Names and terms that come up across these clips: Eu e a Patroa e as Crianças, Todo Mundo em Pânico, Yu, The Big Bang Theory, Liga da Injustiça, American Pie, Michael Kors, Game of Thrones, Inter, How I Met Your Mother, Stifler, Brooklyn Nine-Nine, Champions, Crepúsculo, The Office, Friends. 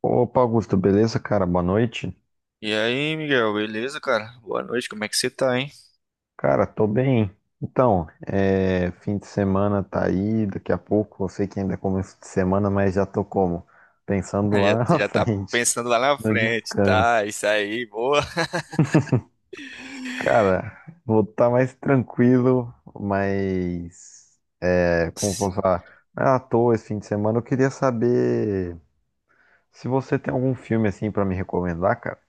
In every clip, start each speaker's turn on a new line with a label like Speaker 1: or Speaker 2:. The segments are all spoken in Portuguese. Speaker 1: Opa, Augusto, beleza, cara? Boa noite.
Speaker 2: E aí, Miguel, beleza, cara? Boa noite, como é que você tá, hein?
Speaker 1: Cara, tô bem. Então, fim de semana tá aí, daqui a pouco, eu sei que ainda é começo de semana, mas já tô como? Pensando
Speaker 2: Já,
Speaker 1: lá na
Speaker 2: já tá
Speaker 1: frente,
Speaker 2: pensando lá na
Speaker 1: no
Speaker 2: frente,
Speaker 1: descanso.
Speaker 2: tá? Isso aí, boa.
Speaker 1: Cara, vou estar mais tranquilo, mas é, como eu posso falar, não é à toa esse fim de semana. Eu queria saber se você tem algum filme assim pra me recomendar, cara.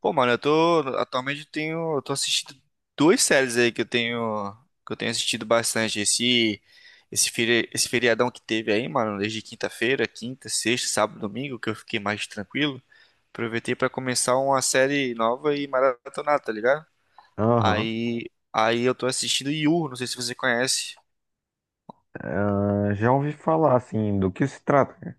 Speaker 2: Pô, mano, eu tô atualmente eu tenho, eu tô assistindo duas séries aí que eu tenho assistido bastante esse feriadão que teve aí, mano, desde quinta-feira, quinta, sexta, sábado, domingo, que eu fiquei mais tranquilo. Aproveitei pra começar uma série nova e maratonar, tá ligado?
Speaker 1: Aham.
Speaker 2: Aí eu tô assistindo Yu, não sei se você conhece.
Speaker 1: Ah, já ouvi falar assim, do que se trata, cara?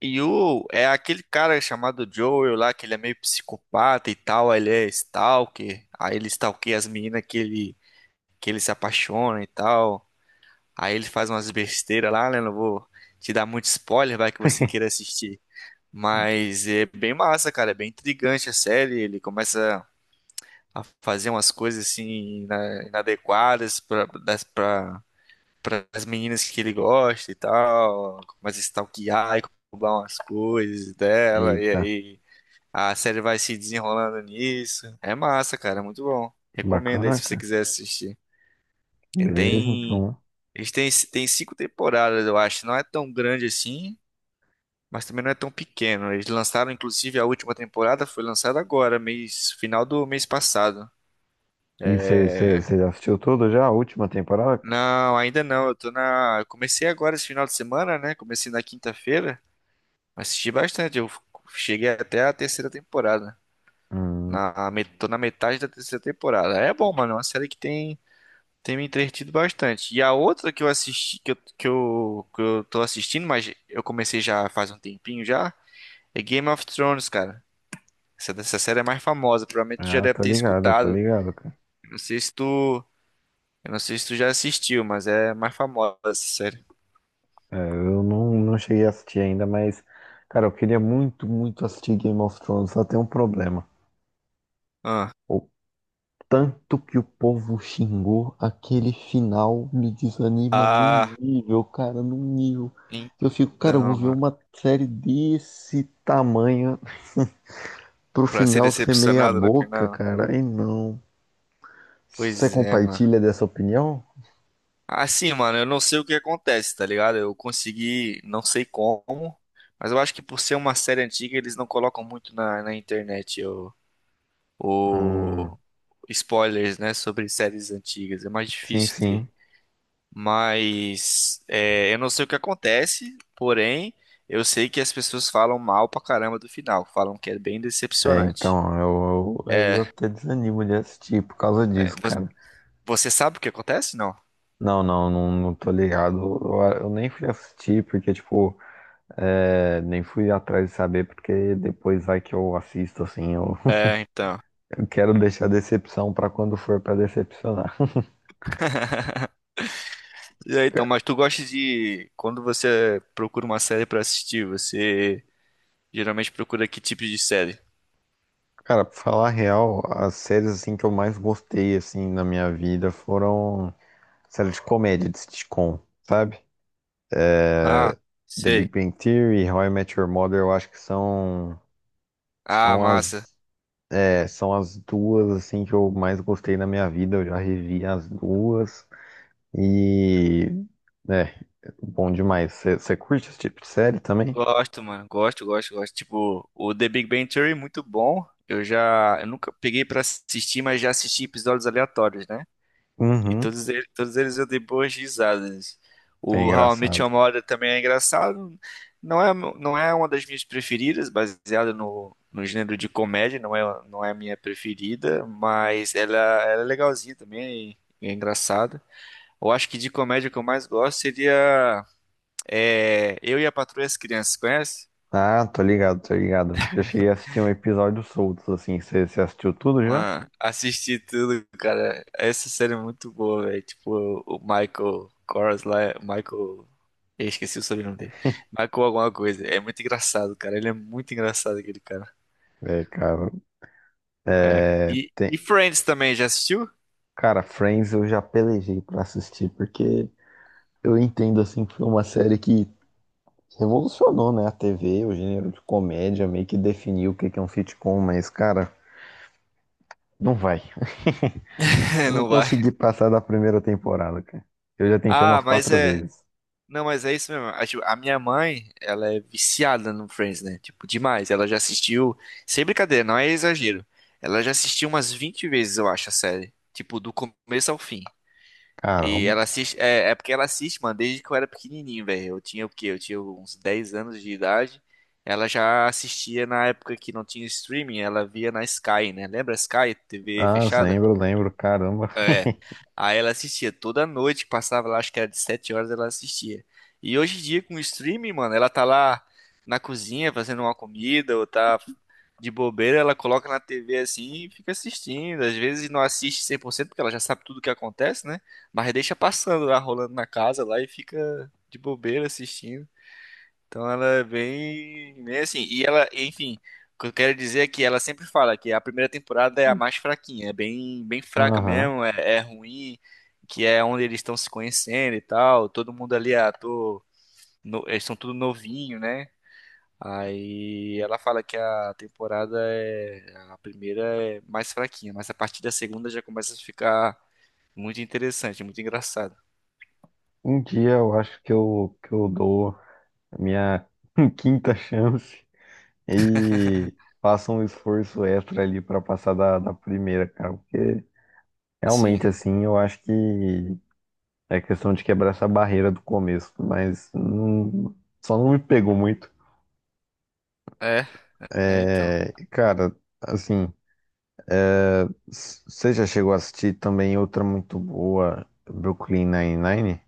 Speaker 2: E o é aquele cara chamado Joel lá, que ele é meio psicopata e tal, ele é stalker, aí ele stalkeia as meninas que ele se apaixona e tal, aí ele faz umas besteiras lá, né? Não vou te dar muito spoiler, vai que você queira assistir. Mas é bem massa, cara, é bem intrigante a série, ele começa a fazer umas coisas assim inadequadas para as meninas que ele gosta e tal, começa a stalkear e roubar umas coisas dela, e
Speaker 1: Eita.
Speaker 2: aí a série vai se desenrolando nisso. É massa, cara, é muito bom. Recomendo aí
Speaker 1: Bacana,
Speaker 2: se você
Speaker 1: cara.
Speaker 2: quiser assistir. E
Speaker 1: Beleza,
Speaker 2: tem,
Speaker 1: então.
Speaker 2: tem cinco temporadas, eu acho. Não é tão grande assim, mas também não é tão pequeno. Eles lançaram, inclusive, a última temporada foi lançada agora, mês, final do mês passado.
Speaker 1: E você, você,
Speaker 2: É,
Speaker 1: você já assistiu tudo já? A última temporada, cara?
Speaker 2: não, ainda não. Eu tô na. Eu Comecei agora esse final de semana, né? Comecei na quinta-feira. Assisti bastante, eu cheguei até a terceira temporada.
Speaker 1: Hum,
Speaker 2: Tô na metade da terceira temporada. É bom, mano, é uma série tem me entretido bastante. E a outra que eu assisti, que eu tô assistindo, mas eu comecei já faz um tempinho já, é Game of Thrones, cara. Essa série é mais famosa, provavelmente tu já
Speaker 1: ah,
Speaker 2: deve ter
Speaker 1: tô
Speaker 2: escutado.
Speaker 1: ligado, cara.
Speaker 2: Eu não sei se tu, eu não sei se tu já assistiu, mas é mais famosa essa série.
Speaker 1: É, eu não cheguei a assistir ainda, mas, cara, eu queria muito, muito assistir Game of Thrones, só tem um problema.
Speaker 2: Ah,
Speaker 1: O tanto que o povo xingou, aquele final me desanima
Speaker 2: ah
Speaker 1: num nível, cara, num nível. Eu fico, cara, eu vou
Speaker 2: então,
Speaker 1: ver
Speaker 2: mano.
Speaker 1: uma série desse tamanho pro
Speaker 2: Pra ser
Speaker 1: final ser meia
Speaker 2: decepcionado no
Speaker 1: boca,
Speaker 2: final.
Speaker 1: cara. Aí não. Você
Speaker 2: Pois é, mano.
Speaker 1: compartilha dessa opinião?
Speaker 2: Assim, mano, eu não sei o que acontece, tá ligado? Eu consegui, não sei como, mas eu acho que por ser uma série antiga, eles não colocam muito na internet o-
Speaker 1: Hum,
Speaker 2: spoilers, né, sobre séries antigas. É mais
Speaker 1: sim,
Speaker 2: difícil ter.
Speaker 1: sim.
Speaker 2: Mas é, eu não sei o que acontece, porém, eu sei que as pessoas falam mal pra caramba do final, falam que é bem
Speaker 1: É,
Speaker 2: decepcionante.
Speaker 1: então, aí eu até desanimo de assistir por causa
Speaker 2: É,
Speaker 1: disso,
Speaker 2: vo-
Speaker 1: cara.
Speaker 2: você sabe o que acontece? Não?
Speaker 1: Não, não, não, não tô ligado. Eu nem fui assistir porque, tipo, nem fui atrás de saber porque depois vai que eu assisto, assim. Eu,
Speaker 2: É, então.
Speaker 1: eu quero deixar decepção pra quando for pra decepcionar.
Speaker 2: E aí, então,
Speaker 1: Ca-
Speaker 2: mas tu gosta de. Quando você procura uma série pra assistir, você geralmente procura que tipo de série?
Speaker 1: Cara, pra falar a real, as séries, assim, que eu mais gostei, assim, na minha vida foram séries de comédia, de sitcom, sabe?
Speaker 2: Ah,
Speaker 1: The
Speaker 2: sei.
Speaker 1: Big Bang Theory, How I Met Your Mother, eu acho que
Speaker 2: Ah,
Speaker 1: são
Speaker 2: massa.
Speaker 1: as, são as duas assim que eu mais gostei na minha vida. Eu já revi as duas e é bom demais. Você curte esse tipo de série também?
Speaker 2: Gosto, mano. Gosto, gosto, gosto. Tipo, o The Big Bang Theory, é muito bom. Eu já. Eu nunca peguei pra assistir, mas já assisti episódios aleatórios, né? E
Speaker 1: Uhum,
Speaker 2: todos eles eu dei boas risadas.
Speaker 1: é
Speaker 2: O How I Met
Speaker 1: engraçado.
Speaker 2: Your Mother também é engraçado. Não é uma das minhas preferidas, baseada no gênero de comédia, não é a minha preferida, mas ela é legalzinha também, é engraçada. Eu acho que de comédia que eu mais gosto seria Eu e a Patroa e as Crianças, conhece?
Speaker 1: Ah, tô ligado, tô ligado. Já cheguei a assistir um episódio soltos assim. Você assistiu tudo já?
Speaker 2: Mano, assisti tudo, cara. Essa série é muito boa, velho. Tipo, o Michael Kors lá, é- Michael. Eu esqueci o sobrenome dele. Michael alguma coisa. É muito engraçado, cara. Ele é muito engraçado, aquele cara.
Speaker 1: É, cara,
Speaker 2: É.
Speaker 1: é,
Speaker 2: E
Speaker 1: tem-
Speaker 2: Friends também, já assistiu?
Speaker 1: Cara, Friends eu já pelejei pra assistir, porque eu entendo assim que foi uma série que revolucionou, né, a TV, o gênero de comédia, meio que definiu o que que é um sitcom, mas, cara, não vai. Eu não
Speaker 2: Não vai.
Speaker 1: consegui passar da primeira temporada, cara. Eu já tentei umas
Speaker 2: Ah, mas
Speaker 1: quatro
Speaker 2: é.
Speaker 1: vezes.
Speaker 2: Não, mas é isso mesmo. Ah, tipo, a minha mãe, ela é viciada no Friends, né? Tipo, demais. Ela já assistiu. Sem brincadeira, não é exagero. Ela já assistiu umas 20 vezes, eu acho, a série. Tipo, do começo ao fim. E
Speaker 1: Caramba.
Speaker 2: ela assiste. É porque ela assiste, mano, desde que eu era pequenininho, velho. Eu tinha o quê? Eu tinha uns 10 anos de idade. Ela já assistia na época que não tinha streaming, ela via na Sky, né? Lembra a Sky, TV
Speaker 1: Ah,
Speaker 2: fechada?
Speaker 1: lembro, lembro, caramba.
Speaker 2: É. Aí ela assistia toda noite, que passava lá, acho que era de 7 horas, ela assistia. E hoje em dia, com o streaming, mano, ela tá lá na cozinha fazendo uma comida, ou tá de bobeira, ela coloca na TV assim e fica assistindo. Às vezes não assiste 100% porque ela já sabe tudo o que acontece, né? Mas deixa passando lá, rolando na casa lá e fica de bobeira assistindo. Então ela é bem assim. E ela, enfim, o que eu quero dizer é que ela sempre fala que a primeira temporada é a mais fraquinha, é bem fraca
Speaker 1: Aham.
Speaker 2: mesmo, é ruim, que é onde eles estão se conhecendo e tal. Todo mundo ali é ator, no- eles são tudo novinho, né? Aí ela fala que a temporada é a primeira é mais fraquinha, mas a partir da segunda já começa a ficar muito interessante, muito engraçado.
Speaker 1: Um dia eu acho que que eu dou a minha quinta chance e faço um esforço extra ali pra passar da primeira, cara, porque
Speaker 2: Assim,
Speaker 1: realmente, assim, eu acho que é questão de quebrar essa barreira do começo, mas só não me pegou muito.
Speaker 2: é, é então.
Speaker 1: É, cara, assim, você já chegou a assistir também outra muito boa, Brooklyn Nine-Nine?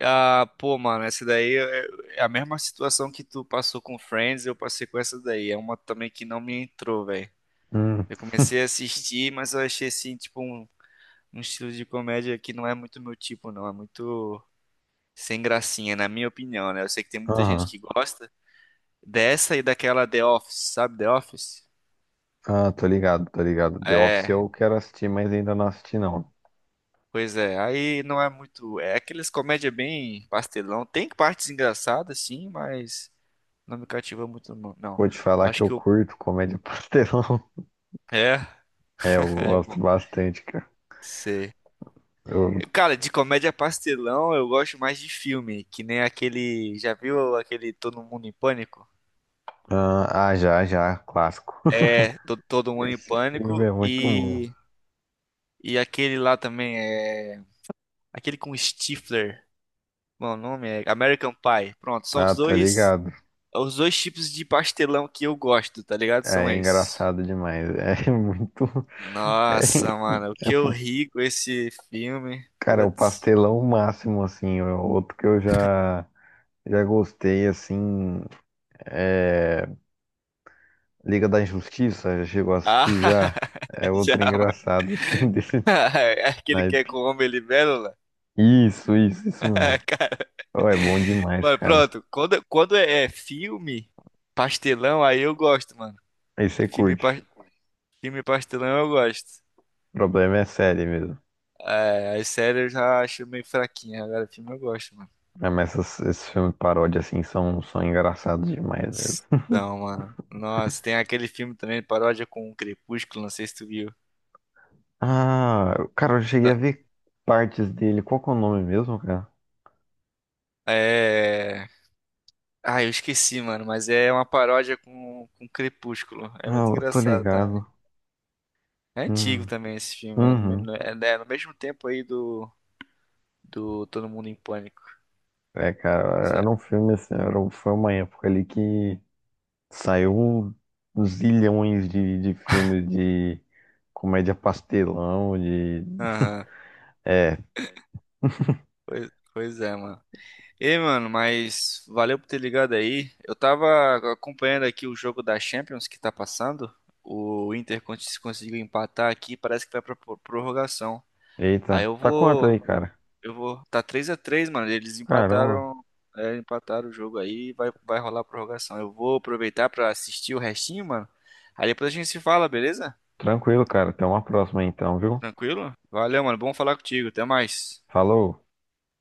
Speaker 2: Ah, pô, mano, essa daí é é a mesma situação que tu passou com Friends, eu passei com essa daí. É uma também que não me entrou, velho.
Speaker 1: Hum,
Speaker 2: Eu comecei a assistir, mas eu achei assim, tipo, um estilo de comédia que não é muito meu tipo, não. É muito sem gracinha, na minha opinião, né? Eu sei que tem muita gente
Speaker 1: aham.
Speaker 2: que gosta dessa e daquela The Office, sabe? The Office?
Speaker 1: Ah, tô ligado, tô ligado. The Office
Speaker 2: É,
Speaker 1: eu quero assistir, mas ainda não assisti não.
Speaker 2: pois é. Aí não é muito. É aqueles comédia bem pastelão. Tem partes engraçadas, sim, mas não me cativa muito, não.
Speaker 1: Vou te
Speaker 2: Eu
Speaker 1: falar que
Speaker 2: acho
Speaker 1: eu
Speaker 2: que o
Speaker 1: curto comédia pastelão.
Speaker 2: é,
Speaker 1: É, eu
Speaker 2: é
Speaker 1: gosto
Speaker 2: bom.
Speaker 1: bastante, cara.
Speaker 2: Sei.
Speaker 1: Eu-
Speaker 2: Cara, de comédia pastelão eu gosto mais de filme, que nem aquele. Já viu aquele Todo Mundo em Pânico?
Speaker 1: Ah, ah, já, já, clássico.
Speaker 2: Todo Mundo em
Speaker 1: Esse
Speaker 2: Pânico
Speaker 1: filme é muito bom.
Speaker 2: e. E aquele lá também é. Aquele com Stifler. Bom, o nome é American Pie. Pronto, são os
Speaker 1: Ah, tá
Speaker 2: dois.
Speaker 1: ligado.
Speaker 2: Os dois tipos de pastelão que eu gosto, tá ligado? São
Speaker 1: É
Speaker 2: esses.
Speaker 1: engraçado demais. É muito.
Speaker 2: Nossa, mano, o
Speaker 1: É, é,
Speaker 2: que eu
Speaker 1: fu-
Speaker 2: ri com esse filme.
Speaker 1: cara, é o
Speaker 2: Putz.
Speaker 1: pastelão máximo, assim. É outro que eu já gostei, assim. É Liga da Injustiça, já chegou a
Speaker 2: Ah,
Speaker 1: assistir já. É
Speaker 2: já,
Speaker 1: outro engraçado, assim, desse
Speaker 2: aquele que é
Speaker 1: naipe.
Speaker 2: com homem libélula.
Speaker 1: Isso mesmo.
Speaker 2: Cara,
Speaker 1: Oh, é bom demais,
Speaker 2: mano,
Speaker 1: cara.
Speaker 2: pronto. Quando é filme pastelão, aí eu gosto, mano.
Speaker 1: Aí você
Speaker 2: Filme, pas-
Speaker 1: curte.
Speaker 2: filme pastelão eu gosto.
Speaker 1: O problema é série mesmo.
Speaker 2: É, as séries eu já acho meio fraquinha. Agora, filme eu gosto, mano.
Speaker 1: É, mas esses filmes de paródia, assim, são engraçados demais mesmo.
Speaker 2: Então, mano. Nossa, tem aquele filme também, paródia com o Crepúsculo, não sei se tu viu.
Speaker 1: Ah, cara, eu
Speaker 2: Eu
Speaker 1: cheguei
Speaker 2: não-
Speaker 1: a ver partes dele. Qual que é o nome mesmo, cara?
Speaker 2: é. Ah, eu esqueci, mano, mas é uma paródia com Crepúsculo. É
Speaker 1: Ah,
Speaker 2: muito
Speaker 1: eu tô
Speaker 2: engraçado, tá?
Speaker 1: ligado.
Speaker 2: É antigo
Speaker 1: Hum,
Speaker 2: também esse filme.
Speaker 1: Uhum.
Speaker 2: É no mesmo tempo aí do Todo Mundo em Pânico.
Speaker 1: É,
Speaker 2: Pois
Speaker 1: cara,
Speaker 2: é.
Speaker 1: era um filme assim, foi uma época ali que saiu um zilhões de filmes de comédia pastelão, de...
Speaker 2: Aham. Pois é, mano. Ei, mano, mas valeu por ter ligado aí. Eu tava acompanhando aqui o jogo da Champions que tá passando. O Inter con- conseguiu empatar aqui, parece que vai pra pro- prorrogação. Aí
Speaker 1: Eita,
Speaker 2: eu
Speaker 1: tá quanto aí,
Speaker 2: vou.
Speaker 1: cara?
Speaker 2: Eu vou. Tá 3 a 3, mano. Eles
Speaker 1: Caramba.
Speaker 2: empataram. É, empataram o jogo aí. Vai rolar a prorrogação. Eu vou aproveitar pra assistir o restinho, mano. Aí depois a gente se fala, beleza?
Speaker 1: Tranquilo, cara. Até uma próxima então, viu?
Speaker 2: Tranquilo? Valeu, mano. Bom falar contigo. Até mais.
Speaker 1: Falou.